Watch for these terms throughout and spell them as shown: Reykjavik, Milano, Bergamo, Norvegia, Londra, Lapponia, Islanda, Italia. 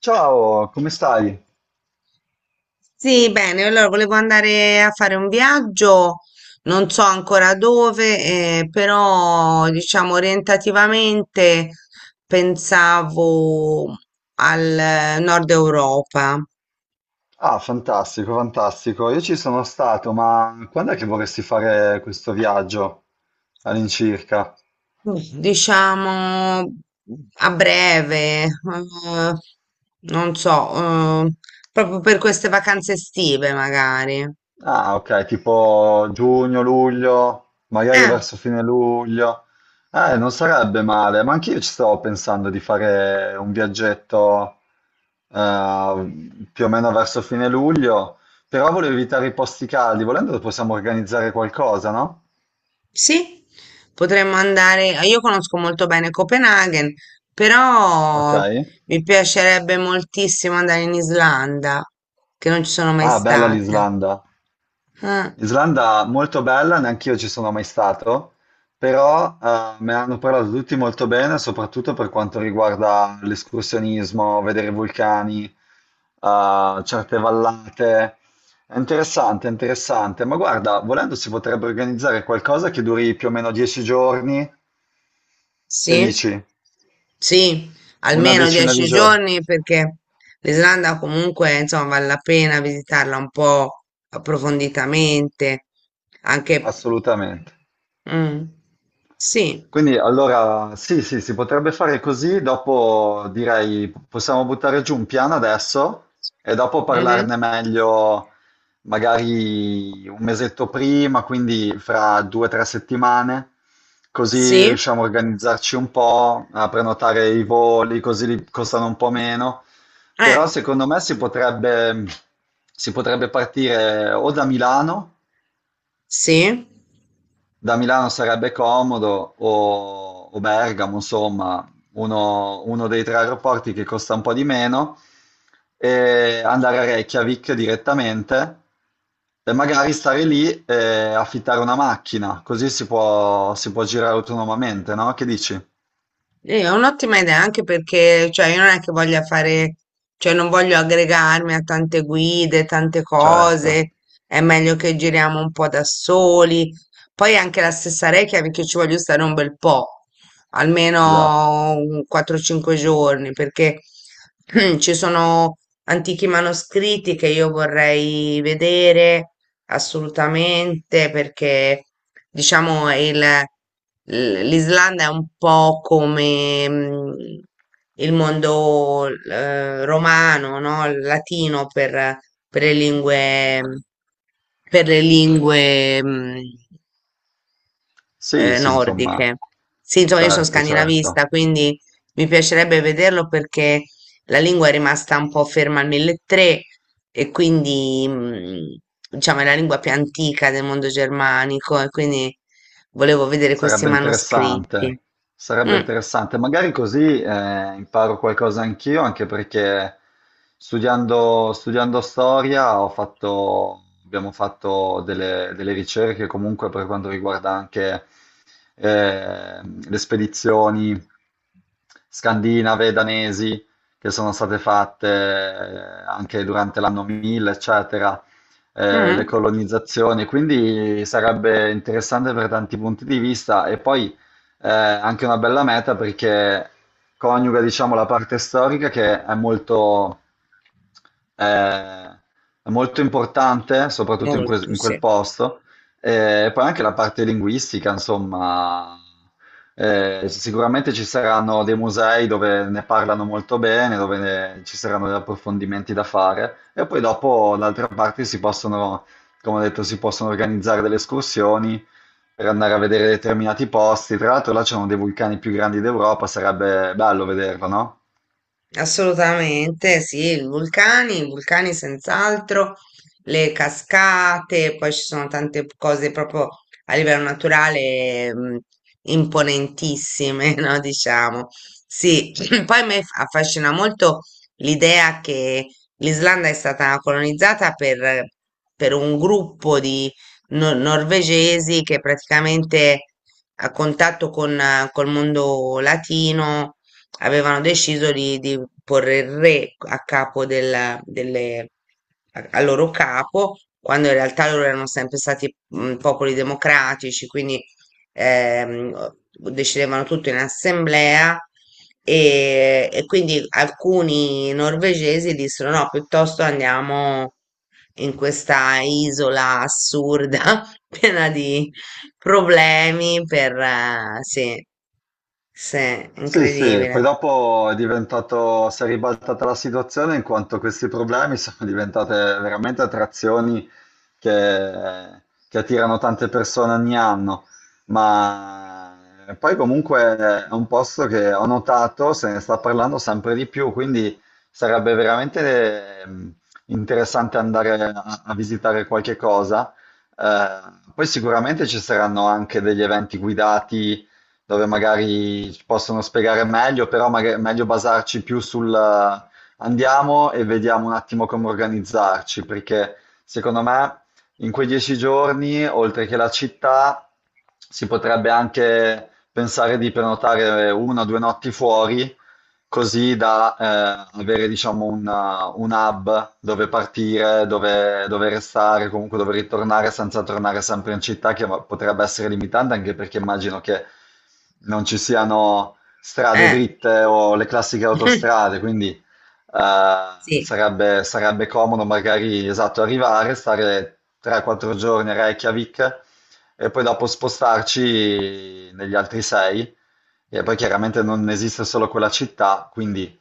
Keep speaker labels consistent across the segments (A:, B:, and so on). A: Ciao, come stai?
B: Sì, bene, allora volevo andare a fare un viaggio, non so ancora dove, però diciamo orientativamente pensavo al nord Europa.
A: Ah, fantastico, fantastico. Io ci sono stato, ma quando è che vorresti fare questo viaggio all'incirca?
B: Diciamo a breve, non so, proprio per queste vacanze estive magari.
A: Ah, ok, tipo giugno, luglio, magari
B: Eh.
A: verso fine luglio. Non sarebbe male, ma anch'io ci stavo pensando di fare un viaggetto più o meno verso fine luglio, però volevo evitare i posti caldi, volendo possiamo organizzare qualcosa, no?
B: Sì, potremmo andare. Io conosco molto bene Copenaghen,
A: Ok.
B: però mi piacerebbe moltissimo andare in Islanda, che non ci sono mai
A: Ah, bella
B: state.
A: l'Islanda.
B: Ah,
A: Islanda molto bella, neanch'io ci sono mai stato, però me ne hanno parlato tutti molto bene, soprattutto per quanto riguarda l'escursionismo, vedere i vulcani, certe vallate. È interessante, è interessante. Ma guarda, volendo si potrebbe organizzare qualcosa che duri più o meno 10 giorni. Che
B: sì,
A: dici?
B: sì,
A: Una
B: almeno
A: decina di
B: dieci
A: giorni.
B: giorni perché l'Islanda comunque, insomma, vale la pena visitarla un po' approfonditamente, anche...
A: Assolutamente.
B: Mm, sì,
A: Quindi allora sì, sì, si potrebbe fare così, dopo direi possiamo buttare giù un piano adesso e dopo
B: mhm,
A: parlarne meglio magari un mesetto prima, quindi fra due o tre settimane, così
B: sì,
A: riusciamo a organizzarci un po', a prenotare i voli, costano un po' meno.
B: eh,
A: Però secondo me si potrebbe partire o da Milano,
B: sì.
A: da Milano sarebbe comodo o Bergamo, insomma, uno dei tre aeroporti che costa un po' di meno, e andare a Reykjavik direttamente e magari stare lì e affittare una macchina, così si può girare autonomamente, no? Che dici?
B: Sì, è un'ottima idea anche perché, cioè, io non è che voglia fare, cioè, non voglio aggregarmi a tante guide, tante
A: Certo,
B: cose, è meglio che giriamo un po' da soli. Poi anche la stessa Reykjavik ci voglio stare un bel po',
A: esatto.
B: almeno un 4-5 giorni, perché ci sono antichi manoscritti che io vorrei vedere assolutamente perché diciamo l'Islanda è un po' come il mondo romano, no? Il latino per le lingue per le lingue
A: Sì, sì, insomma,
B: nordiche. Sì, insomma, io sono
A: certo,
B: scandinavista,
A: certo.
B: quindi mi piacerebbe vederlo perché la lingua è rimasta un po' ferma al 1300 e quindi, diciamo, è la lingua più antica del mondo germanico e quindi volevo vedere questi
A: Sarebbe
B: manoscritti.
A: interessante, sarebbe
B: Mm,
A: interessante. Magari così imparo qualcosa anch'io, anche perché studiando storia abbiamo fatto delle ricerche comunque per quanto riguarda anche le spedizioni scandinave, danesi, che sono state fatte anche durante l'anno 1000, eccetera, le
B: mm,
A: colonizzazioni, quindi sarebbe interessante per tanti punti di vista e poi anche una bella meta perché coniuga, diciamo, la parte storica che eh, è molto importante, soprattutto
B: molto,
A: in quel
B: sì.
A: posto, e poi anche la parte linguistica, insomma, sicuramente ci saranno dei musei dove ne parlano molto bene, ci saranno degli approfondimenti da fare e poi dopo d'altra parte si possono, come ho detto, si possono organizzare delle escursioni per andare a vedere determinati posti. Tra l'altro là c'è uno dei vulcani più grandi d'Europa, sarebbe bello vederlo, no?
B: Assolutamente, sì, i vulcani senz'altro, le cascate, poi ci sono tante cose proprio a livello naturale imponentissime, no? Diciamo. Sì, poi a me affascina molto l'idea che l'Islanda è stata colonizzata per un gruppo di norvegesi che praticamente a contatto con, col mondo latino avevano deciso di porre il re a capo delle, a, al loro capo, quando in realtà loro erano sempre stati popoli democratici, quindi decidevano tutto in assemblea e quindi alcuni norvegesi dissero no, piuttosto andiamo in questa isola assurda piena di problemi per... sì, sì,
A: Sì, sì,
B: incredibile.
A: poi dopo è diventato, si è ribaltata la situazione in quanto questi problemi sono diventate veramente attrazioni che, che attirano tante persone ogni anno, ma poi comunque è un posto che ho notato se ne sta parlando sempre di più, quindi sarebbe veramente interessante andare a visitare qualche cosa. Eh, poi sicuramente ci saranno anche degli eventi guidati dove magari ci possono spiegare meglio, però magari è meglio basarci più sul andiamo e vediamo un attimo come organizzarci, perché secondo me in quei 10 giorni, oltre che la città, si potrebbe anche pensare di prenotare una o due notti fuori così da avere, diciamo, un hub dove partire, dove restare, comunque dove ritornare senza tornare sempre in città, che potrebbe essere limitante anche perché immagino che non ci siano strade
B: Eh,
A: dritte o le classiche autostrade, quindi
B: sì,
A: sarebbe comodo magari, esatto, arrivare, stare 3-4 giorni a Reykjavik e poi dopo spostarci negli altri 6 e poi chiaramente non esiste solo quella città, quindi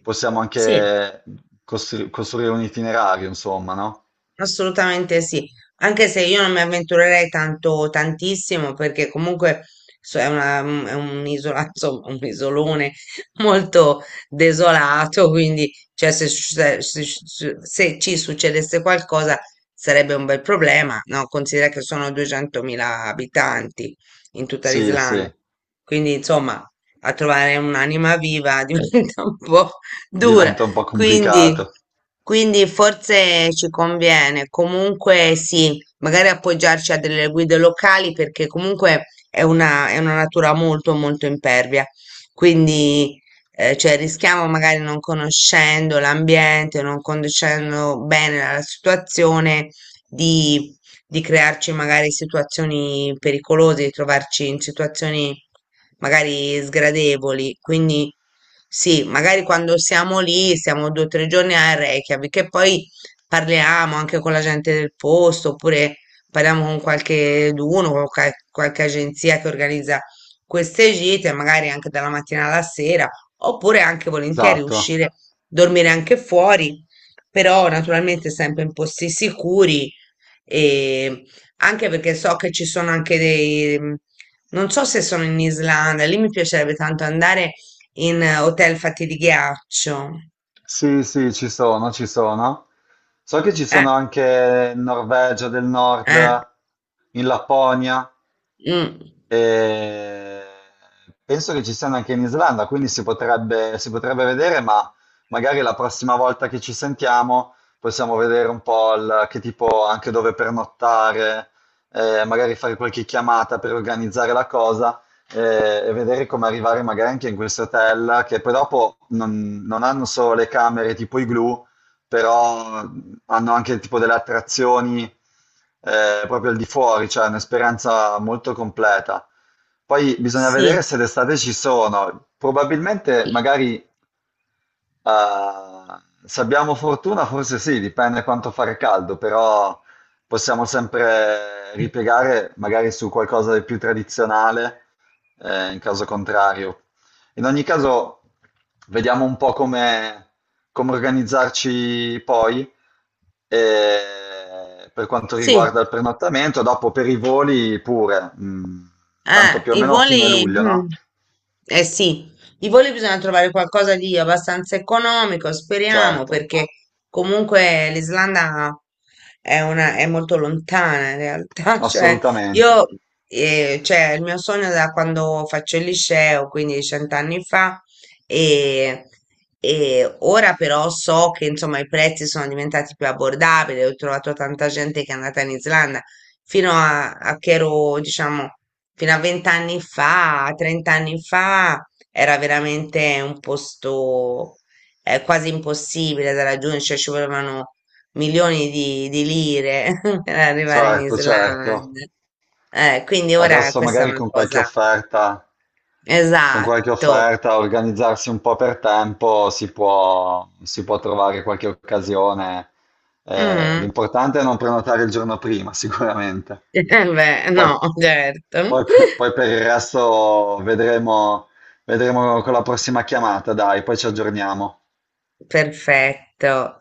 A: possiamo
B: sì,
A: anche costruire un itinerario, insomma, no?
B: assolutamente sì. Anche se io non mi avventurerei tanto, tantissimo, perché comunque è è un isola, insomma, un isolone molto desolato, quindi cioè, se, se ci succedesse qualcosa sarebbe un bel problema, no? Considera che sono 200.000 abitanti in tutta
A: Sì, sì,
B: l'Islanda, quindi insomma, a trovare un'anima viva diventa un po' dura.
A: diventa un po'
B: Quindi,
A: complicato.
B: quindi forse ci conviene comunque sì, magari appoggiarci a delle guide locali perché comunque è una natura molto molto impervia. Quindi cioè, rischiamo magari non conoscendo l'ambiente, non conoscendo bene la situazione di, di crearci magari situazioni pericolose, di trovarci in situazioni magari sgradevoli. Quindi sì, magari quando siamo lì, stiamo due o tre giorni a Reykjavik e poi parliamo anche con la gente del posto, oppure parliamo con qualche d'uno, con qualche agenzia che organizza queste gite, magari anche dalla mattina alla sera, oppure anche volentieri
A: Esatto.
B: uscire, dormire anche fuori, però naturalmente sempre in posti sicuri e anche perché so che ci sono anche dei non so se sono in Islanda, lì mi piacerebbe tanto andare in hotel fatti di ghiaccio.
A: Sì, sì, ci sono, ci sono. So che ci
B: Eh,
A: sono anche in Norvegia del Nord,
B: eh,
A: in Lapponia
B: mm,
A: e penso che ci siano anche in Islanda, quindi si potrebbe vedere, ma magari la prossima volta che ci sentiamo possiamo vedere un po' che tipo anche dove pernottare, magari fare qualche chiamata per organizzare la cosa e vedere come arrivare magari anche in queste hotel che poi dopo non hanno solo le camere tipo i glue, però hanno anche tipo delle attrazioni proprio al di fuori, cioè è un'esperienza molto completa. Poi bisogna vedere
B: sì,
A: se d'estate ci sono. Probabilmente magari ah, se abbiamo fortuna, forse sì, dipende quanto fare caldo, però possiamo sempre ripiegare magari su qualcosa di più tradizionale, in caso contrario. In ogni caso, vediamo un po' come, come organizzarci poi, per quanto
B: sì.
A: riguarda il prenottamento, dopo per i voli pure, mm, tanto più o
B: I
A: meno fine
B: voli,
A: luglio,
B: mm,
A: no?
B: eh sì, i voli bisogna trovare qualcosa di abbastanza economico, speriamo,
A: Certo.
B: perché comunque l'Islanda è una, è molto lontana in realtà, cioè
A: Assolutamente.
B: io, cioè il mio sogno da quando faccio il liceo, quindi cent'anni fa, e, e ora però so che insomma i prezzi sono diventati più abbordabili, ho trovato tanta gente che è andata in Islanda, fino a, a che ero, diciamo fino a 20 anni fa, 30 anni fa, era veramente un posto quasi impossibile da raggiungere, cioè ci volevano milioni di lire per arrivare in
A: Certo,
B: Islanda.
A: certo.
B: Quindi ora
A: Adesso
B: questa è
A: magari
B: una cosa...
A: con qualche
B: Esatto.
A: offerta, organizzarsi un po' per tempo, si può trovare qualche occasione.
B: Mhm.
A: L'importante è non prenotare il giorno prima, sicuramente.
B: Eh beh,
A: Poi,
B: no, certo.
A: poi- poi per il resto vedremo, vedremo con la prossima chiamata, dai, poi ci aggiorniamo.
B: Perfetto.